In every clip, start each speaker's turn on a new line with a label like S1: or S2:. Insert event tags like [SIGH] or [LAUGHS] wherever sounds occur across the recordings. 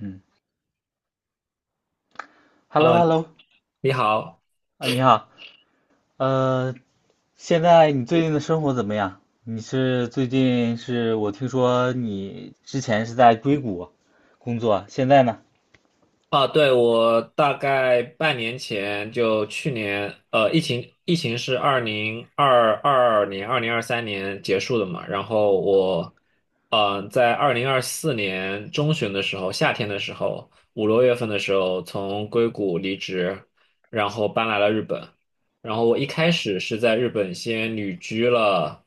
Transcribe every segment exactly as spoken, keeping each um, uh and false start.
S1: 嗯，Hello
S2: 呃，
S1: Hello，
S2: 你好。
S1: 啊，你好，呃，现在你最近的生活怎么样？你是最近是我听说你之前是在硅谷工作，现在呢？
S2: 啊，对，我大概半年前就去年，呃，疫情疫情是二零二二年、二零二三年结束的嘛，然后我，呃，在二零二四年中旬的时候，夏天的时候，五六月份的时候，从硅谷离职，然后搬来了日本，然后我一开始是在日本先旅居了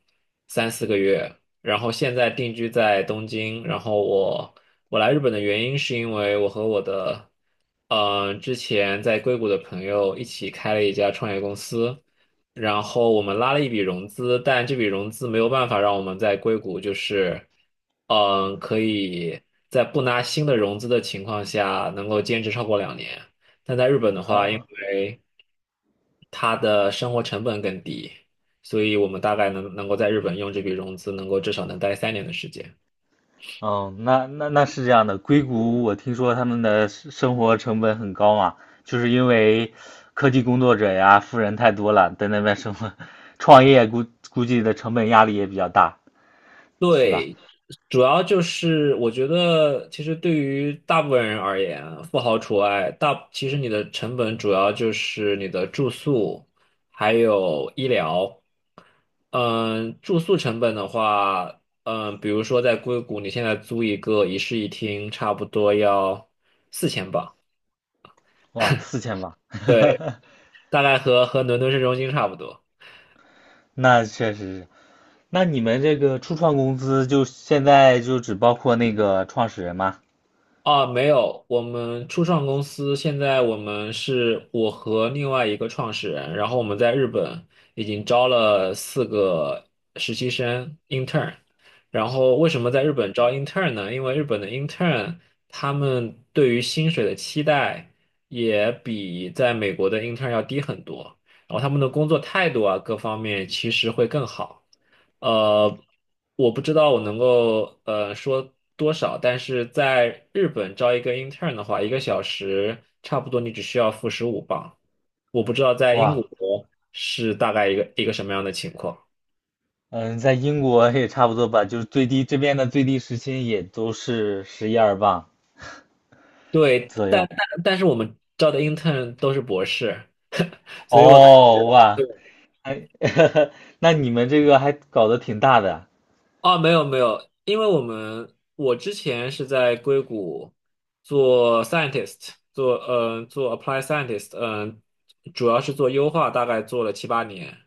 S2: 三四个月。然后现在定居在东京。然后我我来日本的原因是因为我和我的嗯之前在硅谷的朋友一起开了一家创业公司，然后我们拉了一笔融资，但这笔融资没有办法让我们在硅谷就是嗯、呃可以在不拿新的融资的情况下能够坚持超过两年。但在日本的话，因
S1: 哦
S2: 为它的生活成本更低，所以我们大概能能够在日本用这笔融资，能够至少能待三年的时间。
S1: 哦，那那那是这样的，硅谷我听说他们的生生活成本很高嘛，就是因为科技工作者呀，富人太多了，在那边生活，[LAUGHS] 创业估估计的成本压力也比较大，是吧？
S2: 对，主要就是我觉得，其实对于大部分人而言，富豪除外，大其实你的成本主要就是你的住宿，还有医疗。嗯，住宿成本的话，嗯，比如说在硅谷，你现在租一个一室一厅，差不多要四千镑。
S1: 哇，四千吧，
S2: 对，
S1: [LAUGHS]
S2: 大概和和伦敦市中心差不多。
S1: 那确实是。那你们这个初创公司就现在就只包括那个创始人吗？
S2: 啊，没有，我们初创公司，现在我们是我和另外一个创始人，然后我们在日本已经招了四个实习生 intern。然后为什么在日本招 intern 呢？因为日本的 intern 他们对于薪水的期待也比在美国的 intern 要低很多。然后他们的工作态度啊，各方面其实会更好。呃，我不知道我能够呃说多少，但是在日本招一个 intern 的话，一个小时差不多你只需要付十五磅。我不知道在英
S1: 哇，
S2: 国是大概一个一个什么样的情况。
S1: 嗯，在英国也差不多吧，就是最低这边的最低时薪也都是十一二磅
S2: 对，
S1: 左
S2: 但
S1: 右。
S2: 但但是我们招的 intern 都是博士，
S1: 哦，哇，哎，[LAUGHS] 那你们这个还搞得挺大的。
S2: 啊，没有没有，因为我们我之前是在硅谷做 scientist，做呃做 apply scientist，嗯、主要是做优化，大概做了七八年。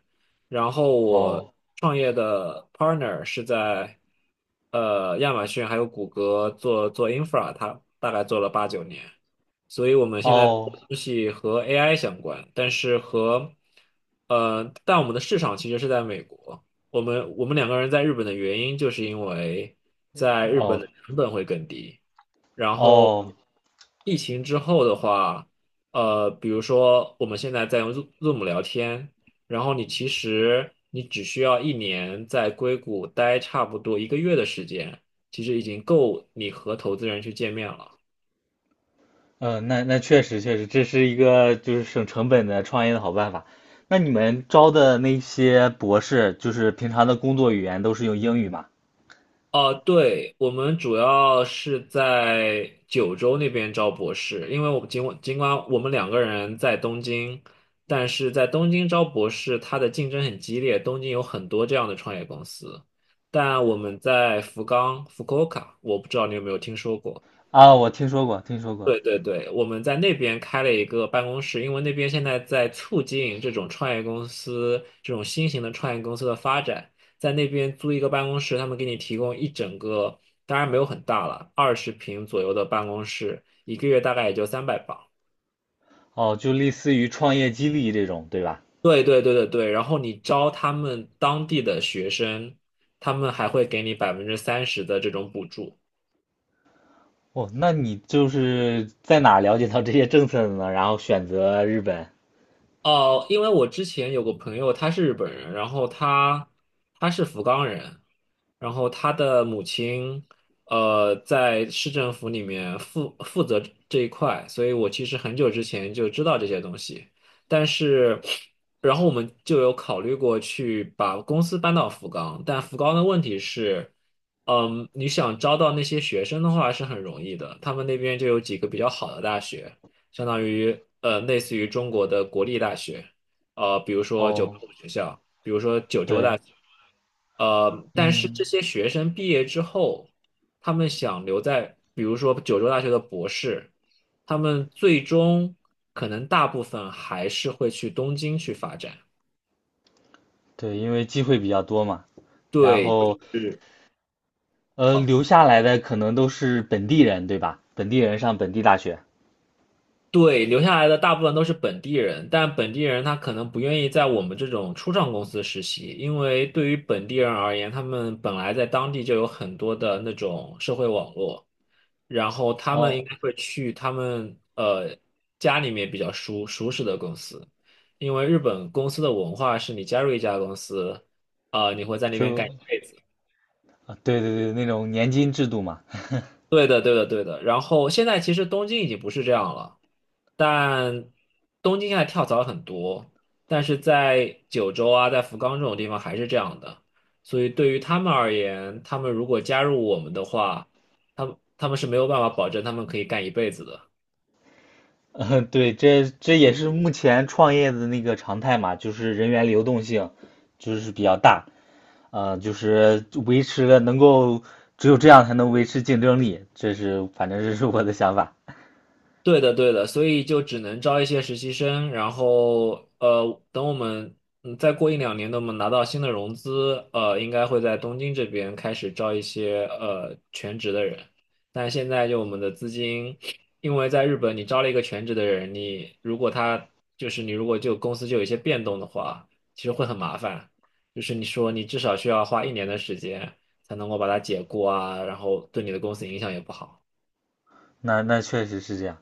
S2: 然后我
S1: 哦，
S2: 创业的 partner 是在呃亚马逊还有谷歌做做 infra，他大概做了八九年。所以我们现在做
S1: 哦，
S2: 的东西和 A I 相关，但是和呃，但我们的市场其实是在美国。我们我们两个人在日本的原因，就是因为在日本
S1: 哦，
S2: 的成本会更低。然后
S1: 哦，
S2: 疫情之后的话，呃，比如说我们现在在用 Zo- Zoom 聊天，然后你其实你只需要一年在硅谷待差不多一个月的时间，其实已经够你和投资人去见面了。
S1: 嗯，那那确实确实，这是一个就是省成本的创业的好办法。那你们招的那些博士，就是平常的工作语言都是用英语吗？
S2: 哦，对，我们主要是在九州那边招博士，因为我们尽管尽管我们两个人在东京，但是在东京招博士，它的竞争很激烈，东京有很多这样的创业公司，但我们在福冈福 u 我不知道你有没有听说过。
S1: 啊，我听说过，听说过。
S2: 对对对，我们在那边开了一个办公室，因为那边现在在促进这种创业公司、这种新型的创业公司的发展，在那边租一个办公室，他们给你提供一整个，当然没有很大了，二十平左右的办公室，一个月大概也就三百磅。
S1: 哦，就类似于创业激励这种，对吧？
S2: 对对对对对，然后你招他们当地的学生，他们还会给你百分之三十的这种补助。
S1: 哦，那你就是在哪了解到这些政策的呢？然后选择日本。
S2: 哦，因为我之前有个朋友，他是日本人，然后他他是福冈人，然后他的母亲呃在市政府里面负负责这一块，所以我其实很久之前就知道这些东西，但是然后我们就有考虑过去把公司搬到福冈，但福冈的问题是，嗯，你想招到那些学生的话是很容易的，他们那边就有几个比较好的大学。相当于呃类似于中国的国立大学，呃，比如说九八
S1: 哦，
S2: 五学校，
S1: 对，
S2: 呃，但是这
S1: 嗯，
S2: 些学生毕业之后，他们想留在，比如说九州大学的博士，他们最终可能大部分还是会去东京去发展。
S1: 对，因为机会比较多嘛。然
S2: 对，
S1: 后，
S2: 就是。
S1: 呃，留下来的可能都是本地人，对吧？本地人上本地大学。
S2: 对，留下来的大部分都是本地人，但本地人他可能不愿意在我们这种初创公司实习，因为对于本地人而言，他们本来在当地就有很多的那种社会网络，然后他们应
S1: 哦，
S2: 该会去他们呃家里面比较熟舒适的公司，因为日本公司的文化是你加入一家公司，呃，你会在那边干一
S1: 就，
S2: 辈子。
S1: 啊，对对对，那种年金制度嘛。
S2: 对的，对的，对的。然后现在其实东京已经不是这样了，但东京现在跳槽很多，但是在九州啊，在福冈这种地方还是这样的。所以对于他们而言，他们如果加入我们的话，他们他们是没有办法保证他们可以干一辈子的。
S1: [LAUGHS] 嗯，对，这这也是目前创业的那个常态嘛，就是人员流动性就是比较大，呃，就是维持了能够只有这样才能维持竞争力，这是反正这是我的想法。
S2: 对的，对的，所以就只能招一些实习生，然后呃，等我们嗯再过一两年，等我们拿到新的融资，呃，应该会在东京这边开始招一些呃全职的人。但现在就我们的资金，因为在日本你招了一个全职的人，你如果他就是你如果就公司就有一些变动的话，其实会很麻烦。就是你说你至少需要花一年的时间才能够把它解雇啊，然后对你的公司影响也不好。
S1: 那那确实是这样。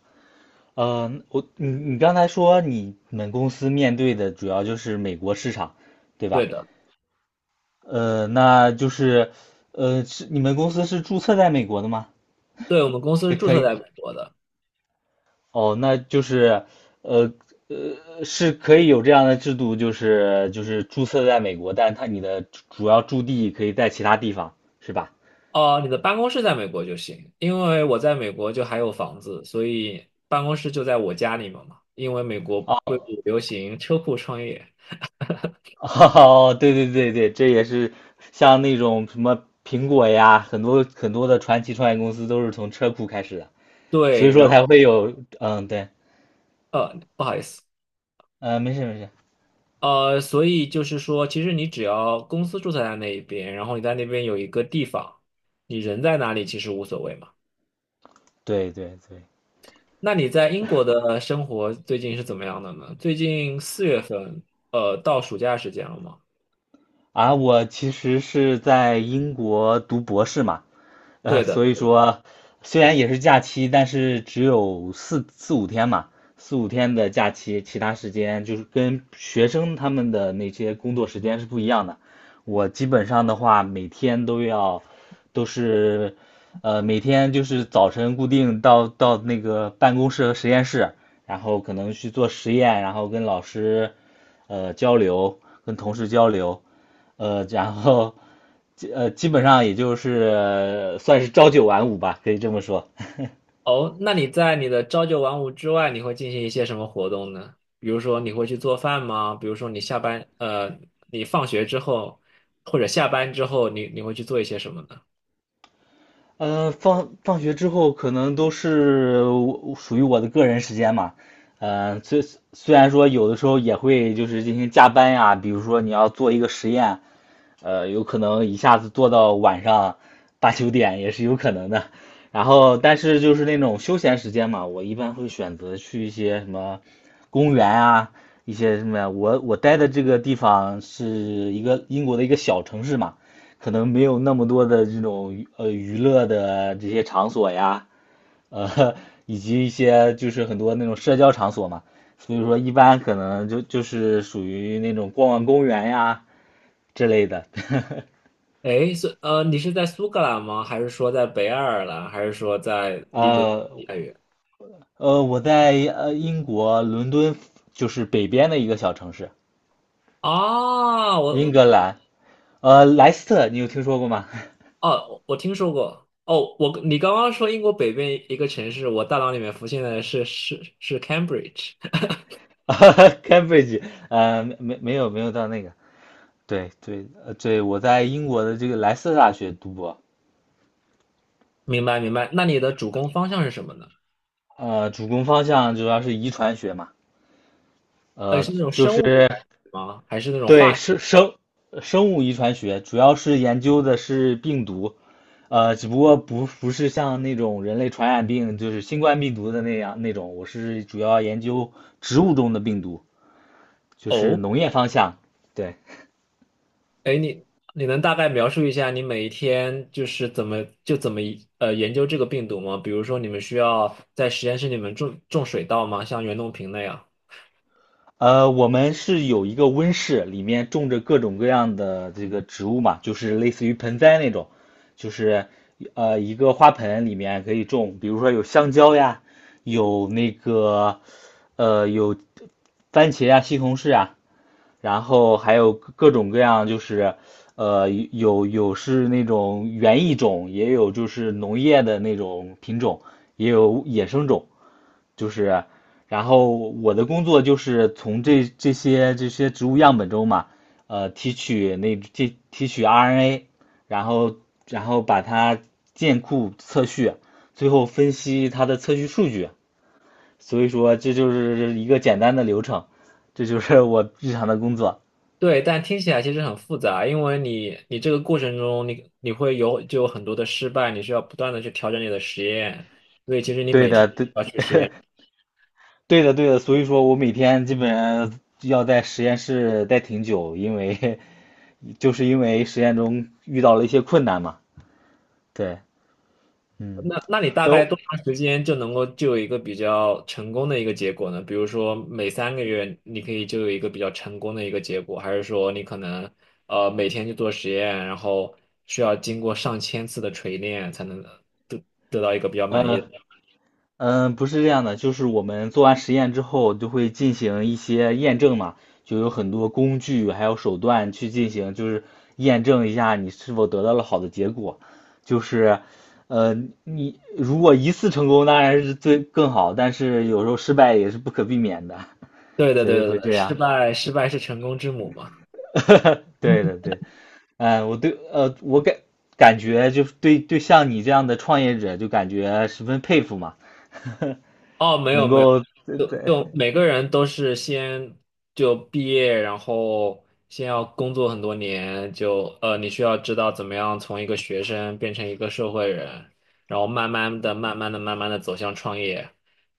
S1: 呃，我你你刚才说你们公司面对的主要就是美国市场，对
S2: 对
S1: 吧？
S2: 的。
S1: 呃，那就是呃，是你们公司是注册在美国的吗？
S2: 对，我们公司是注
S1: 可
S2: 册
S1: 以。
S2: 在美国的。
S1: 哦，那就是，呃呃，是可以有这样的制度，就是就是注册在美国，但是它你的主主要驻地可以在其他地方，是吧？
S2: 哦，你的办公室在美国就行，因为我在美国就还有房子，所以办公室就在我家里面嘛。因为美国硅
S1: 哦
S2: 谷流行车库创业，
S1: [LAUGHS] 哦，对对对对，这也是像那种什么苹果呀，很多很多的传奇创业公司都是从车库开始的，所以
S2: 对，然
S1: 说才
S2: 后
S1: 会有，嗯，对，
S2: 呃，不好意思，
S1: 嗯，没事没事，
S2: 呃，所以就是说，其实你只要公司注册在那一边，然后你在那边有一个地方，你人在哪里其实无所谓嘛。
S1: 对对对，
S2: 那你在英国的生活最近是怎么样的呢？最近四月份，呃，到暑假时间了吗？
S1: 啊，我其实是在英国读博士嘛。呃，
S2: 对的。
S1: 所以说虽然也是假期，但是只有四四五天嘛，四五天的假期，其他时间就是跟学生他们的那些工作时间是不一样的。我基本上的话，每天都要都是呃每天就是早晨固定到到那个办公室和实验室，然后可能去做实验，然后跟老师呃交流，跟同事交流。呃，然后呃，基本上也就是呃算是朝九晚五吧，可以这么说。
S2: 哦，那你在你的朝九晚五之外，你会进行一些什么活动呢？比如说你会去做饭吗？比如说你下班，呃，你放学之后或者下班之后，你你会去做一些什么呢？
S1: 呃，放放学之后可能都是我属于我的个人时间嘛。呃，虽虽然说有的时候也会就是进行加班呀，比如说你要做一个实验，呃，有可能一下子做到晚上八九点也是有可能的。然后，但是就是那种休闲时间嘛，我一般会选择去一些什么公园啊，一些什么呀。我我待的这个地方是一个英国的一个小城市嘛，可能没有那么多的这种呃娱乐的这些场所呀，呃，[LAUGHS] 以及一些就是很多那种社交场所嘛，所以说一般可能就就是属于那种逛逛公园呀之类的。[LAUGHS]
S2: 诶，是呃，你是在苏格兰吗？还是说在北爱尔兰？还是说在离伦敦
S1: 呃
S2: 太远？
S1: 呃，我在呃英国伦敦，就是北边的一个小城市，
S2: 啊，我
S1: 英
S2: 我
S1: 格兰，呃莱斯特，你有听说过吗？
S2: 哦，我我听说过。哦，我你刚刚说英国北边一个城市，我大脑里面浮现的是是是 Cambridge。[LAUGHS]
S1: [LAUGHS] 啊？Cambridge，呃，没没有没有到那个，对对呃对，我在英国的这个莱斯特大学读博。
S2: 明白明白。那你的主攻方向是什么呢？
S1: 呃，主攻方向主要是遗传学嘛，
S2: 呃，
S1: 呃，
S2: 是那种
S1: 就
S2: 生
S1: 是
S2: 物遗传史吗？还是那种
S1: 对
S2: 化学？
S1: 生生生物遗传学，主要是研究的是病毒，呃，只不过不不是像那种人类传染病，就是新冠病毒的那样那种，我是主要研究植物中的病毒，就是
S2: 哦，
S1: 农业方向，对。
S2: 哎，你你能大概描述一下你每一天就是怎么就怎么呃研究这个病毒吗？比如说你们需要在实验室里面种种水稻吗？像袁隆平那样？
S1: 呃，我们是有一个温室，里面种着各种各样的这个植物嘛，就是类似于盆栽那种，就是呃一个花盆里面可以种，比如说有香蕉呀，有那个呃有番茄呀、西红柿啊，然后还有各各种各样就是呃有有是那种园艺种，也有就是农业的那种品种，也有野生种。就是，然后我的工作就是从这这些这些植物样本中嘛，呃，提取那这提取 R N A，然后然后把它建库测序，最后分析它的测序数据。所以说这就是一个简单的流程，这就是我日常的工作。
S2: 对，但听起来其实很复杂，因为你你这个过程中你你会有就有很多的失败，你需要不断的去调整你的实验，所以其实你
S1: 对
S2: 每天
S1: 的，对，
S2: 都要去实验。
S1: 对的，对的。所以说我每天基本上要在实验室待挺久，因为 [LAUGHS] 就是因为实验中遇到了一些困难嘛。对。嗯，
S2: 那那你大概
S1: 都
S2: 多长时间就能够就有一个比较成功的一个结果呢？比如说每三个月你可以就有一个比较成功的一个结果，还是说你可能呃每天去做实验，然后需要经过上千次的锤炼才能得得到一个比较满意的？
S1: 呃，嗯，呃不是这样的，就是我们做完实验之后，就会进行一些验证嘛，就有很多工具还有手段去进行，就是验证一下你是否得到了好的结果。就是，呃，你如果一次成功，当然是最更好，但是有时候失败也是不可避免的，
S2: 对对
S1: 所以
S2: 对对
S1: 会
S2: 对，
S1: 这
S2: 失
S1: 样。
S2: 败失败是成功之母嘛。
S1: [LAUGHS] 对的，对，嗯，我对，呃，我感感觉就是对对像你这样的创业者，就感觉十分佩服嘛。[LAUGHS]
S2: 哦，没有
S1: 能
S2: 没有，
S1: 够对
S2: 就
S1: 对，
S2: 就每个人都是先就毕业，然后先要工作很多年，就呃，你需要知道怎么样从一个学生变成一个社会人，然后慢慢的、慢慢的、慢慢的走向创业。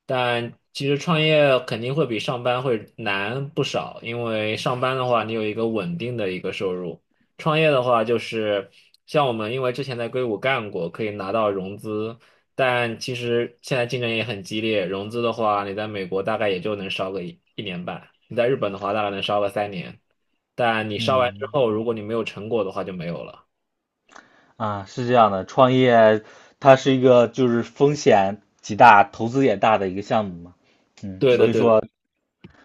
S2: 但其实创业肯定会比上班会难不少，因为上班的话你有一个稳定的一个收入，创业的话就是像我们因为之前在硅谷干过，可以拿到融资。但其实现在竞争也很激烈，融资的话，你在美国大概也就能烧个一一年半，你在日本的话大概能烧个三年，但你烧完之
S1: 嗯
S2: 后，如果你没有成果的话就没有了。
S1: 啊，是这样的，创业它是一个就是风险极大、投资也大的一个项目嘛，嗯，
S2: 对
S1: 所
S2: 的，
S1: 以
S2: 对的，
S1: 说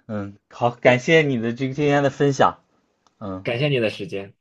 S1: 嗯，好，感谢你的这个今天的分享，嗯
S2: 感谢你的时间。